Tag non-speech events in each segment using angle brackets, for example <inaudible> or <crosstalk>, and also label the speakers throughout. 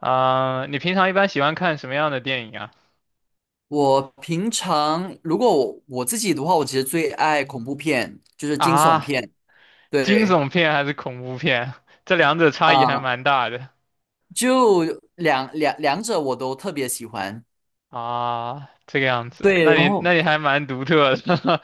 Speaker 1: 啊、你平常一般喜欢看什么样的电影啊？
Speaker 2: 我平常如果我自己的话，我其实最爱恐怖片，就是惊悚
Speaker 1: 啊，
Speaker 2: 片。
Speaker 1: 惊
Speaker 2: 对
Speaker 1: 悚片还是恐怖片？这两者差异还
Speaker 2: 啊，
Speaker 1: 蛮大的
Speaker 2: 就两者我都特别喜欢。
Speaker 1: 啊。这个样子，
Speaker 2: 对，
Speaker 1: 那
Speaker 2: 然
Speaker 1: 你
Speaker 2: 后
Speaker 1: 还蛮独特的。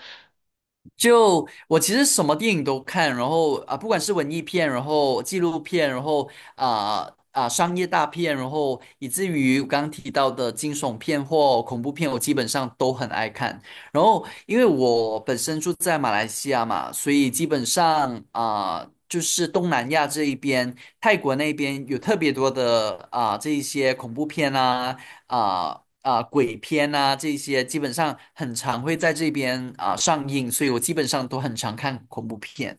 Speaker 2: 就我其实什么电影都看，然后不管是文艺片，然后纪录片，然后商业大片，然后以至于我刚刚提到的惊悚片或恐怖片，我基本上都很爱看。然后因为我本身住在马来西亚嘛，所以基本上。就是东南亚这一边，泰国那边有特别多的这一些恐怖片鬼片啊这些，基本上很常会在这边上映，所以我基本上都很常看恐怖片。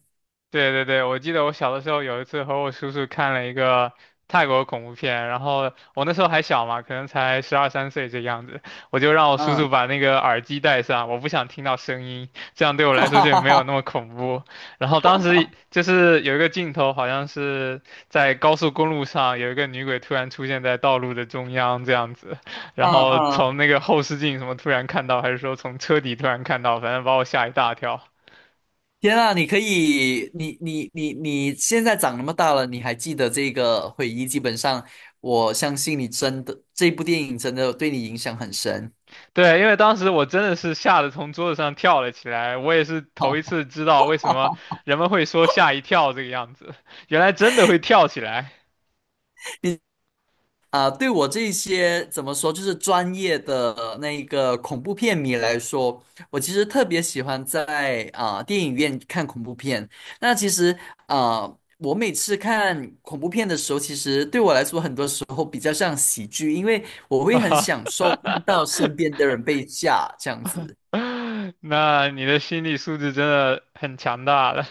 Speaker 1: 对对对，我记得我小的时候有一次和我叔叔看了一个泰国恐怖片，然后我那时候还小嘛，可能才12、13岁这个样子，我就让我叔叔
Speaker 2: 嗯，
Speaker 1: 把那个耳机戴上，我不想听到声音，这样对
Speaker 2: <laughs>
Speaker 1: 我
Speaker 2: 哈
Speaker 1: 来说就
Speaker 2: 哈
Speaker 1: 没有
Speaker 2: 哈
Speaker 1: 那么恐怖。然后当时
Speaker 2: 哈，
Speaker 1: 就是有一个镜头，好像是在高速公路上有一个女鬼突然出现在道路的中央这样子，然
Speaker 2: 嗯
Speaker 1: 后从
Speaker 2: 嗯，
Speaker 1: 那个后视镜什么突然看到，还是说从车底突然看到，反正把我吓一大跳。
Speaker 2: 天啊，你可以，你现在长那么大了，你还记得这个回忆，基本上我相信你真的这部电影真的对你影响很深。
Speaker 1: 对，因为当时我真的是吓得从桌子上跳了起来，我也是头一次知道为什么
Speaker 2: <laughs>
Speaker 1: 人们会说吓一跳这个样子，原来真的会跳起来，
Speaker 2: 啊，对我这些怎么说，就是专业的那个恐怖片迷来说，我其实特别喜欢在电影院看恐怖片。那其实啊、我每次看恐怖片的时候，其实对我来说，很多时候比较像喜剧，因为我
Speaker 1: <laughs> 哈
Speaker 2: 会很
Speaker 1: 哈，
Speaker 2: 享受看到身边的人被吓这样子。
Speaker 1: 那你的心理素质真的很强大了。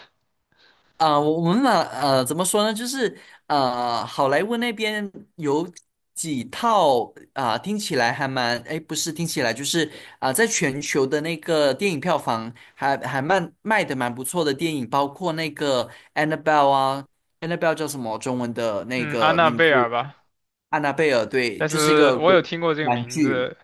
Speaker 2: 我们嘛，呃，怎么说呢？就是好莱坞那边有几套听起来还蛮，哎，不是听起来，就是在全球的那个电影票房还蛮卖的蛮不错的电影，包括那个 Annabelle 啊，Annabelle 叫什么中文的那
Speaker 1: 嗯，安
Speaker 2: 个
Speaker 1: 娜
Speaker 2: 名
Speaker 1: 贝尔
Speaker 2: 字？
Speaker 1: 吧，
Speaker 2: 安娜贝尔，对，
Speaker 1: 但
Speaker 2: 就是一
Speaker 1: 是
Speaker 2: 个
Speaker 1: 我有
Speaker 2: 鬼
Speaker 1: 听过
Speaker 2: <laughs>
Speaker 1: 这个
Speaker 2: 玩
Speaker 1: 名
Speaker 2: 具。
Speaker 1: 字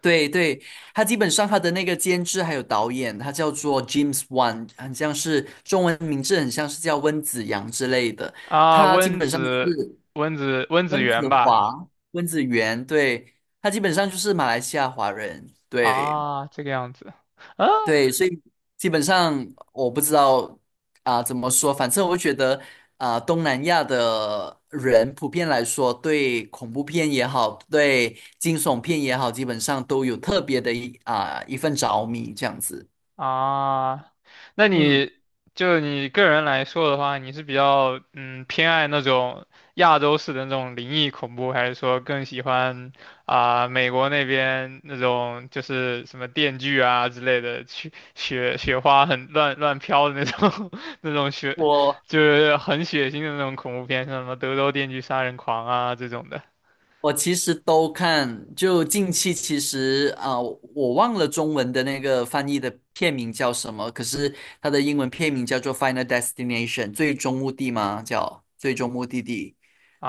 Speaker 2: 对对，他基本上他的那个监制还有导演，他叫做 James Wan,很像是中文名字，很像是叫温子阳之类的。
Speaker 1: 啊，
Speaker 2: 他基本上就是
Speaker 1: 温子
Speaker 2: 温
Speaker 1: 源
Speaker 2: 子
Speaker 1: 吧，
Speaker 2: 华、温子元，对，他基本上就是马来西亚华人，对。
Speaker 1: 啊，这个样子，啊，
Speaker 2: 对，所以基本上我不知道怎么说，反正我觉得东南亚的人普遍来说，对恐怖片也好，对惊悚片也好，基本上都有特别的一份着迷这样子。
Speaker 1: 啊，那
Speaker 2: 嗯，
Speaker 1: 你就你个人来说的话，你是比较偏爱那种亚洲式的那种灵异恐怖，还是说更喜欢啊、美国那边那种就是什么电锯啊之类的，雪花很乱飘的那种 <laughs> 那种雪，
Speaker 2: 我
Speaker 1: 就是很血腥的那种恐怖片，像什么德州电锯杀人狂啊这种的
Speaker 2: 我其实都看，就近期其实我忘了中文的那个翻译的片名叫什么，可是它的英文片名叫做《Final Destination》，最终目的吗？叫最终目的地。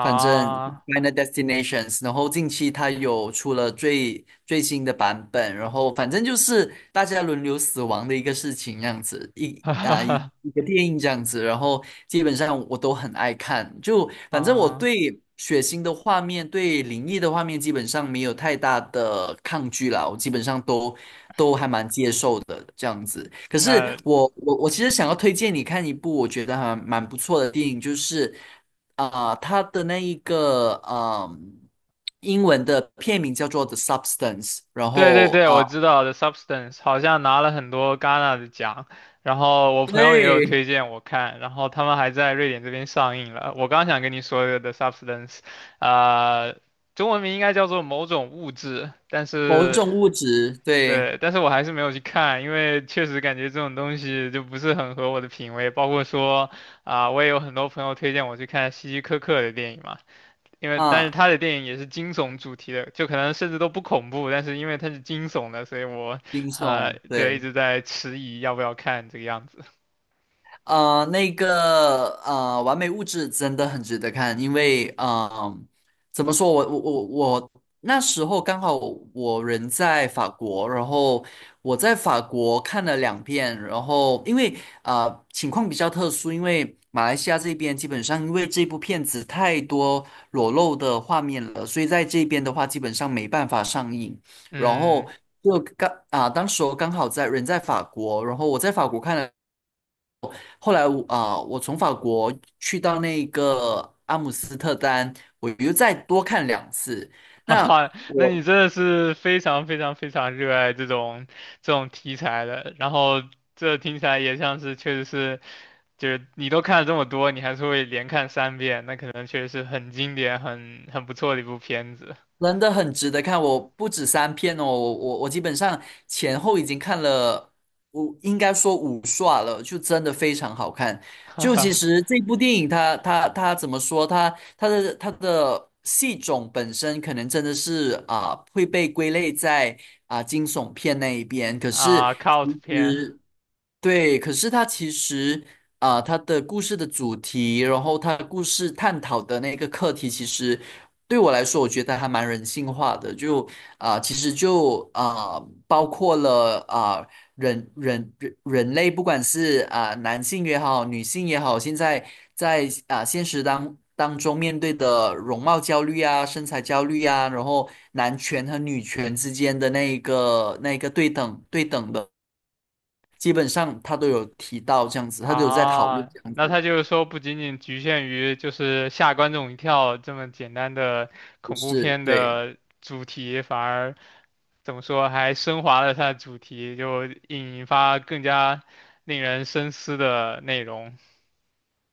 Speaker 2: 反正《Final Destinations》，然后近期它有出了最新的版本，然后反正就是大家轮流死亡的一个事情，这样子
Speaker 1: <laughs>
Speaker 2: 一
Speaker 1: 哈哈
Speaker 2: 啊一
Speaker 1: 哈
Speaker 2: 一个电影这样子，然后基本上我都很爱看，就反正我
Speaker 1: 啊，
Speaker 2: 对血腥的画面、对灵异的画面基本上没有太大的抗拒啦，我基本上都还蛮接受的这样子。可是
Speaker 1: 那。
Speaker 2: 我其实想要推荐你看一部我觉得还蛮不错的电影，就是。它的那一个嗯，英文的片名叫做《The Substance》，然
Speaker 1: 对对
Speaker 2: 后
Speaker 1: 对，我知道的 Substance 好像拿了很多戛纳的奖，然后我朋友也有
Speaker 2: 对，
Speaker 1: 推荐我看，然后他们还在瑞典这边上映了。我刚想跟你说的 The Substance，呃，中文名应该叫做某种物质，但
Speaker 2: 某
Speaker 1: 是
Speaker 2: 种物质，对，
Speaker 1: 对，但是我还是没有去看，因为确实感觉这种东西就不是很合我的品味，包括说啊、我也有很多朋友推荐我去看希柯克的电影嘛。因为但是
Speaker 2: 啊、
Speaker 1: 他的电影也是惊悚主题的，就可能甚至都不恐怖，但是因为它是惊悚的，所以我
Speaker 2: 冰送，
Speaker 1: 对一
Speaker 2: 对。
Speaker 1: 直在迟疑要不要看这个样子。
Speaker 2: 呃，那个《完美物质》真的很值得看，因为怎么说，我那时候刚好我人在法国，然后我在法国看了2遍，然后因为情况比较特殊，因为马来西亚这边基本上因为这部片子太多裸露的画面了，所以在这边的话基本上没办法上映，然
Speaker 1: 嗯，
Speaker 2: 后。就刚，当时我刚好在人在法国，然后我在法国看了。后来我从法国去到那个阿姆斯特丹，我又再多看2次。
Speaker 1: 哈
Speaker 2: 那
Speaker 1: 哈，那
Speaker 2: 我
Speaker 1: 你真的是非常非常非常热爱这种题材的，然后这听起来也像是确实是就是你都看了这么多，你还是会连看三遍，那可能确实是很经典、很不错的一部片子，
Speaker 2: 真的很值得看，我不止3篇哦，我基本上前后已经看了，我应该说5刷了，就真的非常好看。
Speaker 1: <laughs> 哈
Speaker 2: 就其
Speaker 1: 哈
Speaker 2: 实这部电影它怎么说？它的戏种本身可能真的是会被归类在惊悚片那一边，可是。
Speaker 1: 啊，cult 片。
Speaker 2: 对，可是它其实它的故事的主题，然后它故事探讨的那个课题，其实对我来说，我觉得还蛮人性化的。就其实就包括了人类，不管是男性也好，女性也好，现在在现实当中面对的容貌焦虑啊、身材焦虑啊，然后男权和女权之间的那一个对等的。基本上他都有提到这样子，他都有在讨论
Speaker 1: 啊，
Speaker 2: 这样
Speaker 1: 那
Speaker 2: 子，
Speaker 1: 他就是说不仅仅局限于就是吓观众一跳这么简单的
Speaker 2: 不
Speaker 1: 恐怖
Speaker 2: 是，
Speaker 1: 片
Speaker 2: 对，
Speaker 1: 的主题，反而怎么说还升华了它的主题，就引发更加令人深思的内容。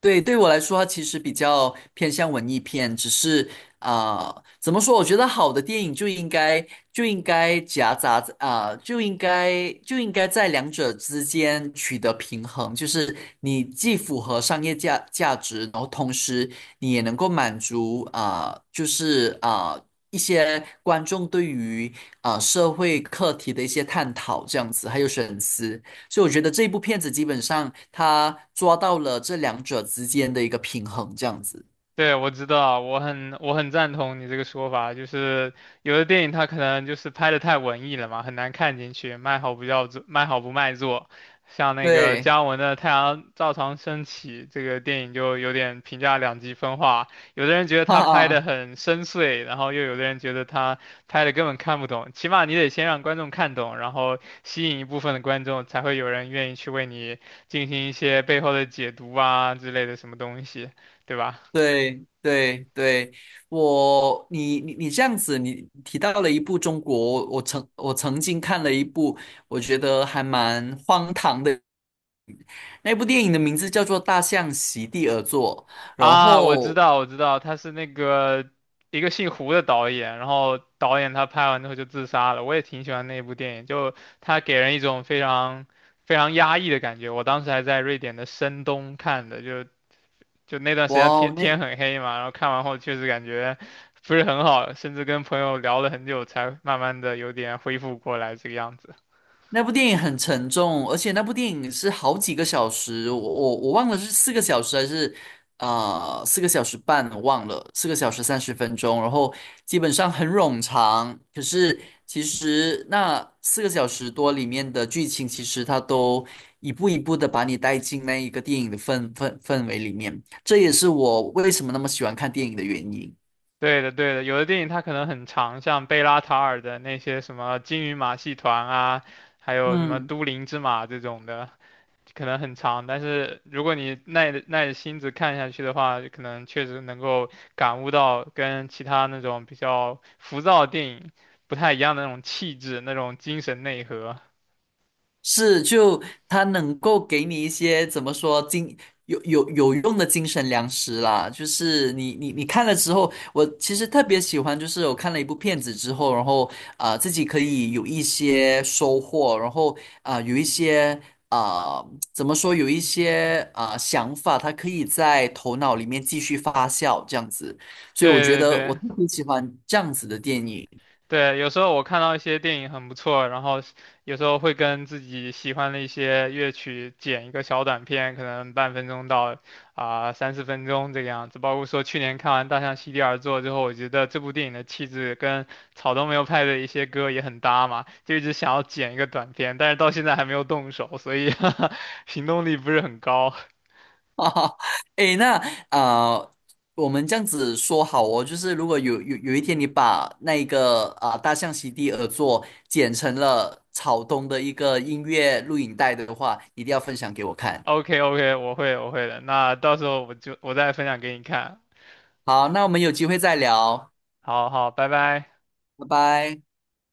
Speaker 2: 对，对我来说，它其实比较偏向文艺片，只是啊、怎么说？我觉得好的电影就应该夹杂就应该在两者之间取得平衡，就是你既符合商业价值，然后同时你也能够满足就是一些观众对于社会课题的一些探讨，这样子，还有深思。所以我觉得这一部片子基本上它抓到了这两者之间的一个平衡，这样子。
Speaker 1: 对，我知道，我很赞同你这个说法，就是有的电影它可能就是拍的太文艺了嘛，很难看进去，卖好不卖座。像那个
Speaker 2: 对，
Speaker 1: 姜文的《太阳照常升起》这个电影就有点评价两极分化，有的人觉得
Speaker 2: <laughs> 哈
Speaker 1: 他拍的
Speaker 2: 哈，
Speaker 1: 很深邃，然后又有的人觉得他拍的根本看不懂。起码你得先让观众看懂，然后吸引一部分的观众，才会有人愿意去为你进行一些背后的解读啊之类的什么东西，对吧？
Speaker 2: 对对对，我你你你这样子，你提到了一部中国，我曾经看了一部，我觉得还蛮荒唐的，那部电影的名字叫做《大象席地而坐》，然
Speaker 1: 啊，我知
Speaker 2: 后
Speaker 1: 道，我知道，他是那个一个姓胡的导演，然后导演他拍完之后就自杀了。我也挺喜欢那部电影，就他给人一种非常非常压抑的感觉。我当时还在瑞典的深冬看的，就那段时
Speaker 2: 哇
Speaker 1: 间天
Speaker 2: 哦，那
Speaker 1: 天很黑嘛，然后看完后确实感觉不是很好，甚至跟朋友聊了很久才慢慢的有点恢复过来这个样子。
Speaker 2: 那部电影很沉重，而且那部电影是好几个小时，我忘了是四个小时还是4个小时半，我忘了，4个小时30分钟，然后基本上很冗长。可是其实那4个小时多里面的剧情，其实它都一步一步的把你带进那一个电影的氛围里面，这也是我为什么那么喜欢看电影的原因。
Speaker 1: 对的，对的，有的电影它可能很长，像贝拉塔尔的那些什么《金鱼马戏团》啊，还有什么
Speaker 2: 嗯。
Speaker 1: 《都灵之马》这种的，可能很长。但是如果你耐着心子看下去的话，可能确实能够感悟到跟其他那种比较浮躁的电影不太一样的那种气质、那种精神内核。
Speaker 2: 是，就它能够给你一些怎么说有用的精神粮食啦。就是你看了之后，我其实特别喜欢，就是我看了一部片子之后，然后自己可以有一些收获，然后有一些怎么说有一些想法，它可以在头脑里面继续发酵这样子。所以我觉
Speaker 1: 对对
Speaker 2: 得我
Speaker 1: 对，
Speaker 2: 特别喜欢这样子的电影。
Speaker 1: 对，有时候我看到一些电影很不错，然后有时候会跟自己喜欢的一些乐曲剪一个小短片，可能半分钟到啊、3、4分钟这个样子。包括说去年看完《大象席地而坐》之后，我觉得这部电影的气质跟草东没有派的一些歌也很搭嘛，就一直想要剪一个短片，但是到现在还没有动手，所以 <laughs> 行动力不是很高。
Speaker 2: <laughs> 哈哈，诶，那啊、呃我们这样子说好哦，就是如果有一天你把那个大象席地而坐剪成了草东的一个音乐录影带的话，一定要分享给我看。
Speaker 1: OK OK，我会的，那到时候我再分享给你看。
Speaker 2: 好，那我们有机会再聊，
Speaker 1: 好好，拜拜。
Speaker 2: 拜拜。